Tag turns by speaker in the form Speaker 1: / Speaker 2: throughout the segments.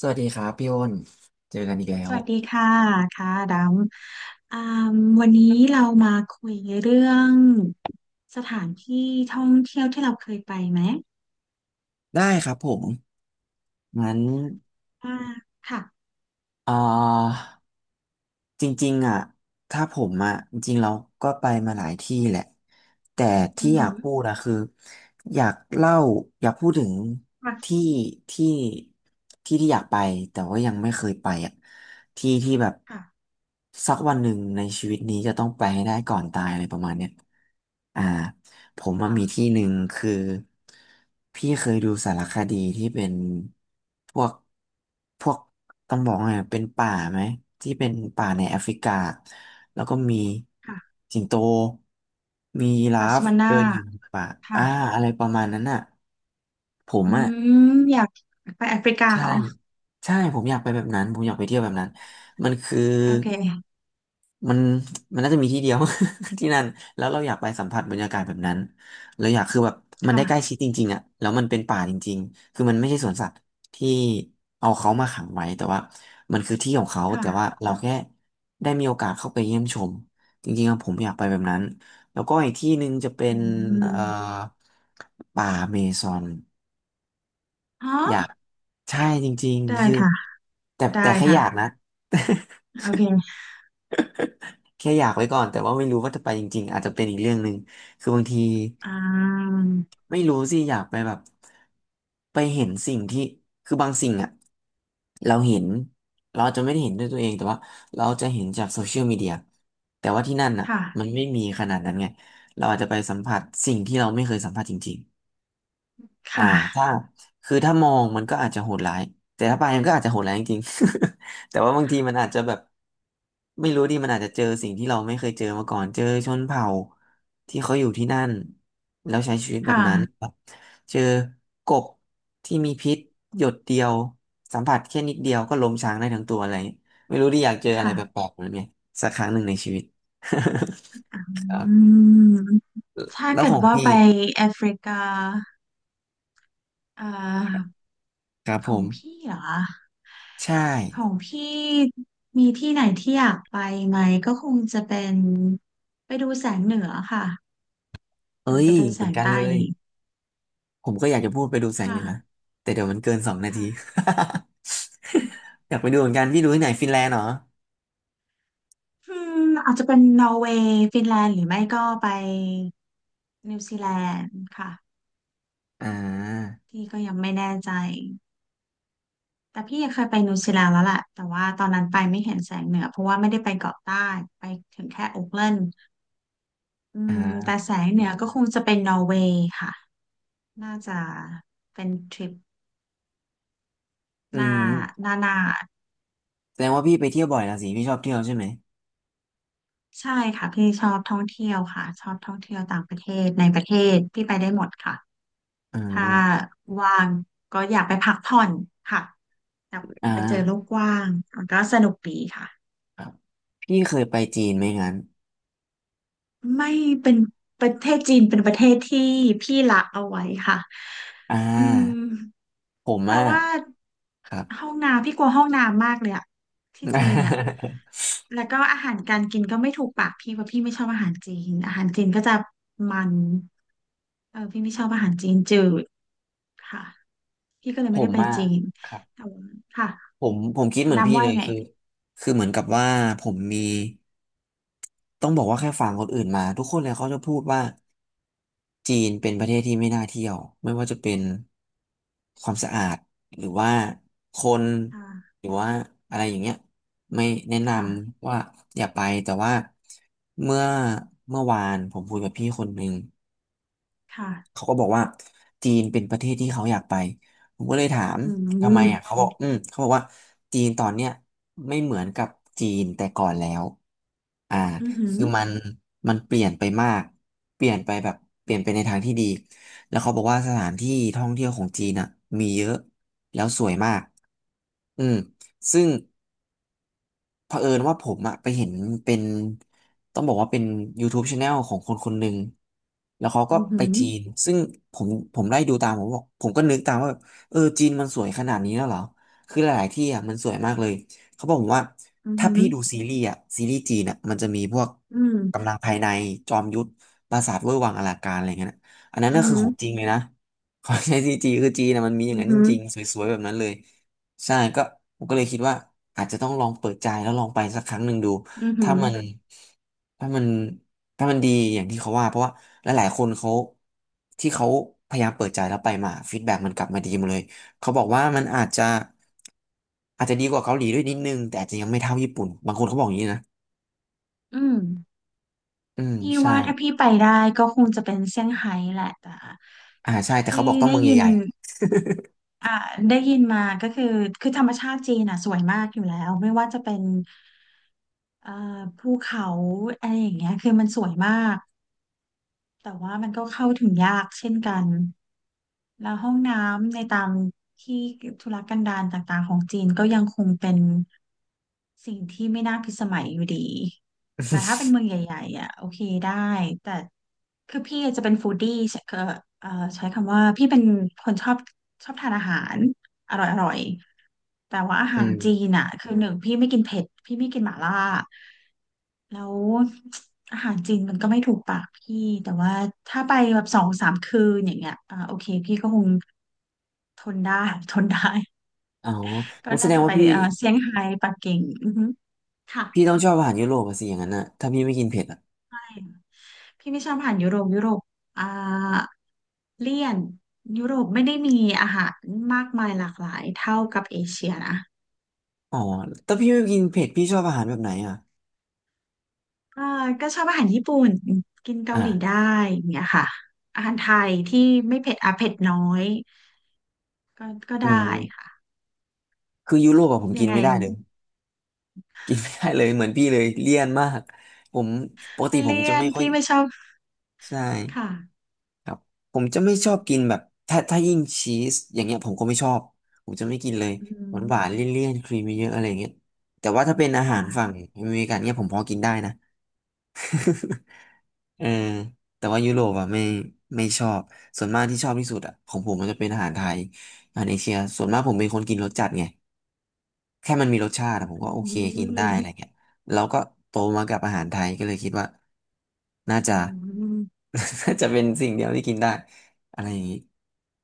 Speaker 1: สวัสดีครับพี่อ้นเจอกันอีกแล้
Speaker 2: ส
Speaker 1: ว
Speaker 2: วัสดีค่ะค่ะดำอ่ามวันนี้เรามาคุยเรื่องสถานที่ท่องเที่ยวที่เราเคยไปไหม
Speaker 1: ได้ครับผมงั้น
Speaker 2: อ่าค่ะ
Speaker 1: เอ่อจริงๆอ่ะถ้าผมอ่ะจริงๆเราก็ไปมาหลายที่แหละ แต่ที่
Speaker 2: อือ
Speaker 1: อยา
Speaker 2: หื
Speaker 1: ก
Speaker 2: อ
Speaker 1: พูดอะคืออยากเล่าอยากพูดถึง
Speaker 2: ค่ะ
Speaker 1: ที่ที่ที่ที่อยากไปแต่ว่ายังไม่เคยไปอ่ะที่ที่แบบ
Speaker 2: ค่ะ
Speaker 1: สักวันหนึ่งในชีวิตนี้จะต้องไปให้ได้ก่อนตายอะไรประมาณเนี้ยอ่า ผมว่ามี
Speaker 2: ค่ะ
Speaker 1: ที่หนึ่งคือพี่เคยดูสารคดีที่เป็นพวกพวกต้องบอกว่าไงเป็นป่าไหมที่เป็นป่าในแอฟริกาแล้วก็มี
Speaker 2: ค่ะ
Speaker 1: สิงโตมียีรา
Speaker 2: บาร์เซ
Speaker 1: ฟ
Speaker 2: โลนา
Speaker 1: เดินอยู่ในป่าอ่า
Speaker 2: ค่ะ
Speaker 1: อะไรประมาณนั้นน่ะผม
Speaker 2: อื
Speaker 1: อ่ะ
Speaker 2: มอยากไปแอฟริกา
Speaker 1: ใช่
Speaker 2: เหรอ
Speaker 1: ใช่ผมอยากไปแบบนั้นผมอยากไปเที่ยวแบบนั้นมันคือ
Speaker 2: โอเค
Speaker 1: มันมันน่าจะมีที่เดียว ที่นั่นแล้วเราอยากไปสัมผัสบรรยากาศแบบนั้นเราอยากคือแบบมันได้ใกล้
Speaker 2: ค่ะ
Speaker 1: ชิดจริงๆอ่ะแล้วมันเป็นป่าจริงๆคือมันไม่ใช่สวนสัตว์ที่เอาเขามาขังไว้แต่ว่ามันคือที่ของเขา
Speaker 2: ค่ะ
Speaker 1: แต่ว่าเราแค่ได้มีโอกาสเข้าไปเยี่ยมชมจริงๆอะผมอยากไปแบบนั้นแล้วก็อีกที่หนึ่งจะเป็
Speaker 2: อื
Speaker 1: นเอ่อ
Speaker 2: ม
Speaker 1: ป่าเมซอน
Speaker 2: อ๋
Speaker 1: อยาก
Speaker 2: อ
Speaker 1: ใช่จริงๆ
Speaker 2: ได้
Speaker 1: คือ
Speaker 2: ค่ะ
Speaker 1: แต่
Speaker 2: ได้
Speaker 1: แค่อ
Speaker 2: ค่ะ
Speaker 1: ยากนะ
Speaker 2: โอเค
Speaker 1: แค่อยากไว้ก่อนแต่ว่าไม่รู้ว่าจะไปจริงๆอาจจะเป็นอีกเรื่องหนึ่งคือบางที
Speaker 2: อ่า
Speaker 1: ไม่รู้สิอยากไปแบบไปเห็นสิ่งที่คือบางสิ่งอะเราเห็นเราอาจจะไม่ได้เห็นด้วยตัวเองแต่ว่าเราจะเห็นจากโซเชียลมีเดียแต่ว่าที่นั่นอะมัน
Speaker 2: ค่ะ
Speaker 1: ไม่มีขนาดนั้นไงเราอาจจะไปสัมผัสสิ่งที่เราไม่เคยสัมผัสจริงๆ
Speaker 2: ค
Speaker 1: อ่าถ้า
Speaker 2: ่ะ
Speaker 1: คือถ้ามองมันก็อาจจะโหดร้ายแต่ถ้าไปมันก็อาจจะโหดร้ายจริงๆ แต่ว่าบางทีมันอาจจะแบบไม่รู้ดิมันอาจจะเจอสิ่งที่เราไม่เคยเจอมาก่อนเจอชนเผ่าที่เขาอยู่ที่นั่นแล้วใช้ชีวิต
Speaker 2: ค
Speaker 1: แบบนั้น
Speaker 2: ่ะ
Speaker 1: เจอกบที่มีพิษหยดเดียวสัมผัสแค่นิดเดียวก็ล้มช้างได้ทั้งตัวอะไรอย่างเงี้ยไม่รู้ดิอยากเจออะไรแป
Speaker 2: ค่ะ
Speaker 1: ลกๆแบบนี้สักครั้งหนึ่งในชีวิต
Speaker 2: อ
Speaker 1: ครั
Speaker 2: ื
Speaker 1: บ
Speaker 2: มถ้า
Speaker 1: แล้ว
Speaker 2: เกิ
Speaker 1: ข
Speaker 2: ด
Speaker 1: อง
Speaker 2: ว่า
Speaker 1: พี่
Speaker 2: ไปแอฟริกาเอ่อ
Speaker 1: ครับ
Speaker 2: ข
Speaker 1: ผ
Speaker 2: องพี่
Speaker 1: ม
Speaker 2: เหรอ
Speaker 1: ใช่
Speaker 2: ของพี่มีที่ไหนที่อยากไปไหมก็คงจะเป็นไปดูแสงเหนือค่ะ
Speaker 1: เอ้
Speaker 2: หรือ
Speaker 1: ย
Speaker 2: จะเป็น
Speaker 1: เห
Speaker 2: แส
Speaker 1: มือน
Speaker 2: ง
Speaker 1: กัน
Speaker 2: ใต้
Speaker 1: เลย
Speaker 2: ดี
Speaker 1: ผมก็อยากจะพูดไปดูแสงเหนือ
Speaker 2: ค่ะ
Speaker 1: แต่เดี๋ยวมันเกินสองนาที
Speaker 2: ค่ะ
Speaker 1: อยากไปดูเหมือนกันพี่ดูที่ไหนฟินแลนด์เหรอ
Speaker 2: อืมอาจจะเป็นนอร์เวย์ฟินแลนด์หรือไม่ก็ไปนิวซีแลนด์ค่ะ
Speaker 1: อ่า
Speaker 2: ที่ก็ยังไม่แน่ใจ แต่พี่เคยไปนิวซีแลนด์แล้วแหละแต่ว่าตอนนั้นไปไม่เห็นแสงเหนือเพราะว่าไม่ได้ไปเกาะใต้ไปถึงแค่โอ๊กแลนด์อืมแต่
Speaker 1: อ่า
Speaker 2: แสงเหนือก็คงจะเป็นนอร์เวย์ค่ะน่าจะเป็นทริป
Speaker 1: อื
Speaker 2: หน้า
Speaker 1: ม
Speaker 2: หน้าหน้า
Speaker 1: แสดงว่าพี่ไปเที่ยวบ่อยละสิพี่ชอบเที่ยวใช่ไหม
Speaker 2: ใช่ค่ะพี่ชอบท่องเที่ยวค่ะชอบท่องเที่ยวต่างประเทศในประเทศพี่ไปได้หมดค่ะ
Speaker 1: อ่
Speaker 2: ถ้า
Speaker 1: า
Speaker 2: ว่างก็อยากไปพักผ่อนค่ะอยาก
Speaker 1: อ่
Speaker 2: ไปเจอโลก
Speaker 1: า
Speaker 2: กว้างมันก็สนุกดีค่ะ
Speaker 1: ครับพี่เคยไปจีนไหมงั้น
Speaker 2: ไม่เป็นประเทศจีนเป็นประเทศที่พี่ละเอาไว้ค่ะ
Speaker 1: อ่
Speaker 2: อื
Speaker 1: า
Speaker 2: ม
Speaker 1: ผม
Speaker 2: เพ
Speaker 1: อ่ะ
Speaker 2: ราะว่า
Speaker 1: ครับ
Speaker 2: ห้องน้ำพี่กลัวห้องน้ำมากเลยอะที่จีนอะ แล้วก็อาหารการกินก็ไม่ถูกปากพี่เพราะพี่ไม่ชอบอาหารจีนอาหารจีนก็จะมันเออพี่ไม่ชอบอาหารจีนจืดค่ะพี่ก็เลย
Speaker 1: ผ
Speaker 2: ไม่ได้
Speaker 1: ม
Speaker 2: ไป
Speaker 1: อ่ะ
Speaker 2: จีน
Speaker 1: ครับ
Speaker 2: แต่ว่าค่ะ
Speaker 1: ผมคิดเหมือนพี่
Speaker 2: ดำว่า
Speaker 1: เล
Speaker 2: ยั
Speaker 1: ย
Speaker 2: งไง
Speaker 1: คือคือเหมือนกับว่าผมมีต้องบอกว่าแค่ฟังคนอื่นมาทุกคนเลยเขาจะพูดว่าจีนเป็นประเทศที่ไม่น่าเที่ยวไม่ว่าจะเป็นความสะอาดหรือว่าคน
Speaker 2: ค่ะ
Speaker 1: หรือว่าอะไรอย่างเงี้ยไม่แนะน
Speaker 2: ค่ะ
Speaker 1: ำว่าอย่าไปแต่ว่าเมื่อเมื่อวานผมคุยกับพี่คนหนึ่ง
Speaker 2: ค่ะ
Speaker 1: เขาก็บอกว่าจีนเป็นประเทศที่เขาอยากไปผมก็เลยถาม
Speaker 2: อืมอื
Speaker 1: ทำไมอ่ะเขา
Speaker 2: ม
Speaker 1: บอกอืมเขาบอกว่าจีนตอนเนี้ยไม่เหมือนกับจีนแต่ก่อนแล้วอ่า
Speaker 2: อืมอหืม
Speaker 1: คือมันเปลี่ยนไปมากเปลี่ยนไปแบบเปลี่ยนไปในทางที่ดีแล้วเขาบอกว่าสถานที่ท่องเที่ยวของจีนอ่ะมีเยอะแล้วสวยมากอืมซึ่ง เผอิญว่าผมอะไปเห็นเป็นต้องบอกว่าเป็น YouTube Channel ของคนคนหนึ่งแล้วเขาก็
Speaker 2: ห
Speaker 1: ไปจีนซึ่งผมผมไล่ดูตามผมบอกผมก็นึกตามว่าแบบเออจีนมันสวยขนาดนี้แล้วเหรอคือหลายๆที่อะมันสวยมากเลยเขาบอกผมว่า
Speaker 2: อือ
Speaker 1: ถ้า
Speaker 2: หือ
Speaker 1: พี่ดูซีรีส์อะซีรีส์จีนอะมันจะมีพวก
Speaker 2: อืม
Speaker 1: กำลังภายในจอมยุทธปราสาทเว่ยหวังอลังการอะไรเงี้ยนะอันนั้น
Speaker 2: อื
Speaker 1: ก็
Speaker 2: อ
Speaker 1: คือ
Speaker 2: หือ
Speaker 1: ของจริงเลยนะ ขอใช้ซีจีคือจีนอะมันมีอย่าง
Speaker 2: อือ
Speaker 1: นั้นจ
Speaker 2: หือ
Speaker 1: ริงๆสวยๆแบบนั้นเลย ใช่ก็ผมก็เลยคิดว่าอาจจะต้องลองเปิดใจแล้วลองไปสักครั้งหนึ่งดู
Speaker 2: อือหื
Speaker 1: ถ้า
Speaker 2: อ
Speaker 1: มันถ้ามันถ้ามันดีอย่างที่เขาว่าเพราะว่าหลายๆคนเขาที่เขาพยายามเปิดใจแล้วไปมาฟีดแบ็กมันกลับมาดีหมดเลยเขาบอกว่ามันอาจจะอาจจะดีกว่าเกาหลีด้วยนิดนึงแต่อาจจะยังไม่เท่าญี่ปุ่นบางคนเขาบอกอย่างนี้นะ
Speaker 2: อืม
Speaker 1: อืม
Speaker 2: พี่
Speaker 1: ใช่
Speaker 2: ว่าถ้าพี่ไปได้ก็คงจะเป็นเซี่ยงไฮ้แหละแต่
Speaker 1: ใช่แต่เขาบ
Speaker 2: ที่
Speaker 1: อกต้อง
Speaker 2: ได้
Speaker 1: เมือง
Speaker 2: ยิน
Speaker 1: ใหญ่ๆ
Speaker 2: อ่าได้ยินมาก็คือคือธรรมชาติจีนอ่ะสวยมากอยู่แล้วไม่ว่าจะเป็นเอ่อภูเขาอะไรอย่างเงี้ยคือมันสวยมาก แต่ว่ามันก็เข้าถึงยากเช่นกันแล้วห้องน้ำในตามที่ธุรกันดารต่างๆของจีนก็ยังคงเป็นสิ่งที่ไม่น่าพิสมัยอยู่ดี แต่ถ้าเป็นเมืองใหญ่ๆอ่ะโอเคได้แต่คือพี่จะเป็นฟู้ดดี้ใช้เอ่อเอ่อใช้คำว่าพี่เป็นคนชอบทานอาหารอร่อยๆแต่ว่าอา
Speaker 1: อื
Speaker 2: หาร
Speaker 1: ม
Speaker 2: จีนอ่ะคือหนึ่งพี่ไม่กินเผ็ดพี่ไม่กินหม่าล่าแล้วอาหารจีนมันก็ไม่ถูกปากพี่แต่ว่าถ้าไปแบบสองสามคืนอย่างเงี้ยโอเคพี่ก็คงทนได้ ทนได้
Speaker 1: อ๋อ
Speaker 2: ก็
Speaker 1: งั้นแส
Speaker 2: น่า
Speaker 1: ดง
Speaker 2: จะไป
Speaker 1: ว่าพี่
Speaker 2: เซี่ยงไฮ้ปักกิ่งอือฮึค่ะ
Speaker 1: พี่ต้องชอบอาหารยุโรปอะสิอย่างนั้นนะถ้าพี่ไม่กินเผ็ดอะ
Speaker 2: พี่ไม่ชอบอาหารยุโรปยุโรปอ่าเลี่ยนยุโรปไม่ได้มีอาหารมากมายหลากหลายเท่ากับเอเชียนะ
Speaker 1: อ๋อแต่พี่ไม่กินเผ็ดพี่ชอบอาหารแบบไหนอ่ะ
Speaker 2: อ่าก็ชอบอาหารญี่ปุ่นกินเกา
Speaker 1: อ่า
Speaker 2: หลีได้อย่างเนี่ยค่ะอาหารไทยที่ไม่เผ็ดอ่ะเผ็ดน้อยก็ก็
Speaker 1: อื
Speaker 2: ได้
Speaker 1: ม
Speaker 2: ค่ะ
Speaker 1: คือยุโรปอะผม
Speaker 2: ยั
Speaker 1: กิ
Speaker 2: ง
Speaker 1: น
Speaker 2: ไง
Speaker 1: ไม่ได้เลยกินไม่ได้เลยเหมือนพี่เลยเลี่ยนมากผมปก
Speaker 2: มั
Speaker 1: ติ
Speaker 2: น
Speaker 1: ผม
Speaker 2: เลี่
Speaker 1: จะ
Speaker 2: ย
Speaker 1: ไม่
Speaker 2: น
Speaker 1: ค่อย
Speaker 2: พี่ไม่ชอบ
Speaker 1: ใช่
Speaker 2: ค่ะ
Speaker 1: ครับผมจะไม่ชอบกินแบบถ้ายิ่งชีสอย่างเงี้ยผมก็ไม่ชอบผมจะไม่กินเลย
Speaker 2: อื
Speaker 1: ห
Speaker 2: ม
Speaker 1: วานหวานเลี่ยนๆครีมเยอะๆอะไรอย่างเงี้ยแต่ว่าถ้าเป็นอาหา
Speaker 2: ค่ะ
Speaker 1: รฝั่งอเมริกันเนี่ยผมพอกินได้นะ เออแต่ว่ายุโรปอ่ะไม่ไม่ชอบส่วนมากที่ชอบที่สุดอ่ะของผมมันจะเป็นอาหารไทยอาหารเอเชียส่วนมากผมเป็นคนกินรสจัดไงแค่มันมีรสชาติอะผม
Speaker 2: อื
Speaker 1: ก็โอเคกินได้อะไร
Speaker 2: ม
Speaker 1: เงี้ยแล้วก็โตมากับอาหารไทยก็เลยคิดว่าน่าจะ
Speaker 2: อืม
Speaker 1: น่าจะเป็นสิ่งเดียวที่กินได้อะไรอย่างนี้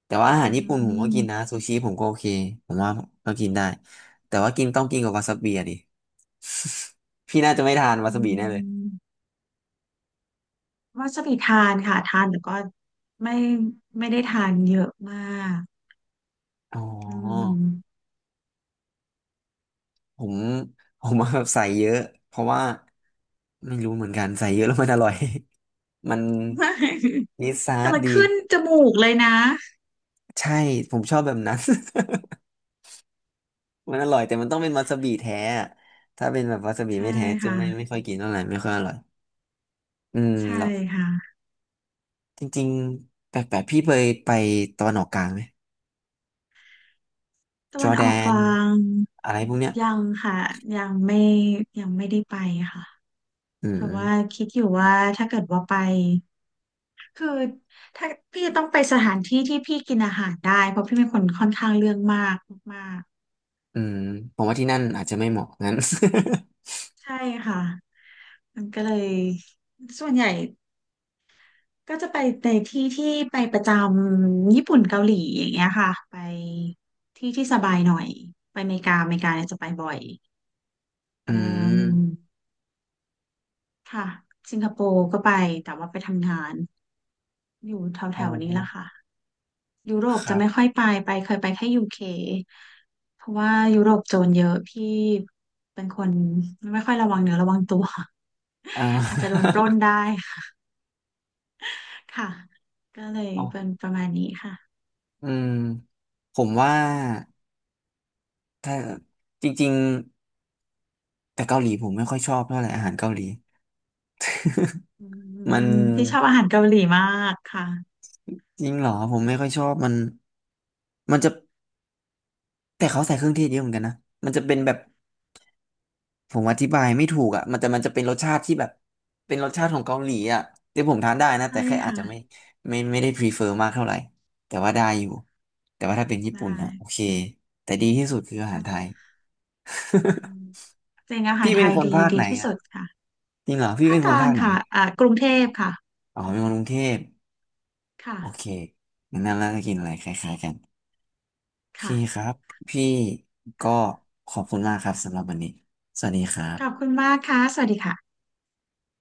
Speaker 1: แต่ว่าอาหา
Speaker 2: อื
Speaker 1: รญี่ปุ่นผมก็กินนะ
Speaker 2: ม
Speaker 1: ซูชิผมก็โอเคผมว่าก็กินได้แต่ว่ากินต้องกินกับวาซาบิอะดิ พี่น่าจะไม่ทานวา
Speaker 2: อื
Speaker 1: ซา
Speaker 2: ม
Speaker 1: บิแน่เล
Speaker 2: อื
Speaker 1: ย
Speaker 2: ม วาซาบิทานค่ะทานแต่ก็ไม่ไม่ได้ทานเยอะมาก
Speaker 1: อ๋อ
Speaker 2: อืม
Speaker 1: ผม ผมว่าแบบใส่เยอะเพราะว่าไม่รู้เหมือนกันใส่เยอะแล้วมันอร่อย มัน
Speaker 2: ไม่
Speaker 1: มีซ อ
Speaker 2: แต่
Speaker 1: ส
Speaker 2: มัน
Speaker 1: ดี
Speaker 2: ขึ้นจมูกเลยนะ
Speaker 1: ใช่ผมชอบแบบนั้น มันอร่อยแต่มันต้องเป็นวาซาบิแท้อะถ้าเป็นแบบวาซาบิ
Speaker 2: ใช่
Speaker 1: ไม่แท้จะไม่
Speaker 2: ค่ะ
Speaker 1: ค่อยกินเท่าไหร่ไม่ค่อยอร่อยอืม
Speaker 2: ใช่
Speaker 1: แล้ว
Speaker 2: ค่ะ
Speaker 1: จริงๆแปลกๆพี่เคยไปตะวันออกกลางไหม
Speaker 2: ตะ
Speaker 1: จอ
Speaker 2: วัน
Speaker 1: ร์แด
Speaker 2: ออกก
Speaker 1: น
Speaker 2: ลาง
Speaker 1: อะไรพวกเนี้ย
Speaker 2: ยังค่ะยังไม่ยังไม่ได้ไปค่ะ
Speaker 1: อื
Speaker 2: เพราะว่า
Speaker 1: ม
Speaker 2: คิดอยู่ว่าถ้าเกิดว่าไปคือถ้าพี่จะต้องไปสถานที่ที่พี่กินอาหารได้เพราะพี่เป็นคนค่อนข้างเรื่องมากมาก
Speaker 1: อืมผมว่าที่นั่นอาจจะไม่เหมาะงั้น
Speaker 2: ๆใช่ค่ะมันก็เลยส่วนใหญ่ ก็จะไปในที่ที่ไปประจำญี่ปุ่นเกาหลีอย่างเงี้ยค่ะไปที่ที่สบายหน่อยไปอเมริกาเนี่ยจะไปบ่อย
Speaker 1: อื
Speaker 2: เอ่อ
Speaker 1: ม
Speaker 2: ค่ะสิงคโปร์ก็ไปแต่ว่าไปทำงานอยู่แถวแถ
Speaker 1: อ๋อ
Speaker 2: วนี้แหละค่ะยุโร
Speaker 1: ค
Speaker 2: ปจะ
Speaker 1: รับ
Speaker 2: ไม่ค่อยไปไปเคยไปแค่ยูเคเพราะว่ายุโรปโจรเยอะพี่เป็นคนไม่ค่อยระวังเนื้อระวังตัว
Speaker 1: อ่า
Speaker 2: อาจจะโดนปล้น ได้ค่ะก็เลย
Speaker 1: อ๋อ
Speaker 2: เป็นประมาณนี้ค่ะ
Speaker 1: อืมผมว่าถ้าจริงๆแต่เกาหลีผมไม่ค่อยชอบเท่าไหร่อาหารเกาหลี
Speaker 2: อื
Speaker 1: มัน
Speaker 2: มพี่ชอบอาหารเกาหลีมากค่ะ
Speaker 1: จริงเหรอผมไม่ค่อยชอบมันมันจะแต่เขาใส่เครื่องเทศเยอะเหมือนกันนะมันจะเป็นแบบผมอธิบายไม่ถูกอ่ะมันจะเป็นรสชาติที่แบบเป็นรสชาติของเกาหลีอ่ะที่ผมทานได้นะ
Speaker 2: ใช่
Speaker 1: แต่แค่อาจ
Speaker 2: ค่ะ
Speaker 1: จะไม่ไม่ได้ prefer มากเท่าไหร่แต่ว่าได้อยู่แต่ว่าถ้าเป็นญี่ปุ่น
Speaker 2: ได้
Speaker 1: นะโอเคแต่ดีที่สุดคืออาหา
Speaker 2: เ่ะ
Speaker 1: รไทย
Speaker 2: อืมจริงอาหา
Speaker 1: พี่
Speaker 2: รไท
Speaker 1: เป็น
Speaker 2: ย
Speaker 1: คนภาค
Speaker 2: ดี
Speaker 1: ไหน
Speaker 2: ที่
Speaker 1: อ่ะ
Speaker 2: สุดค่ะ
Speaker 1: จริงเหรอพี่
Speaker 2: ภา
Speaker 1: เป็
Speaker 2: ค
Speaker 1: น
Speaker 2: ก
Speaker 1: คน
Speaker 2: ลา
Speaker 1: ภา
Speaker 2: ง
Speaker 1: คไหน
Speaker 2: ค่ะอ่ากรุงเทพค่ะ
Speaker 1: อ๋อเป็นคนกรุงเทพ
Speaker 2: ค่ะ
Speaker 1: โอเคงั้นล่าจะกินอะไรคล้ายๆกันโอเค
Speaker 2: ค่ะ
Speaker 1: ครับพี่ก็ขอบ
Speaker 2: โอ
Speaker 1: คุณ
Speaker 2: เค
Speaker 1: มากครับ
Speaker 2: ค่ะ
Speaker 1: สำหรับวันนี้สวัสดีครับ
Speaker 2: ขอบคุณมากค่ะสวัสดีค่ะ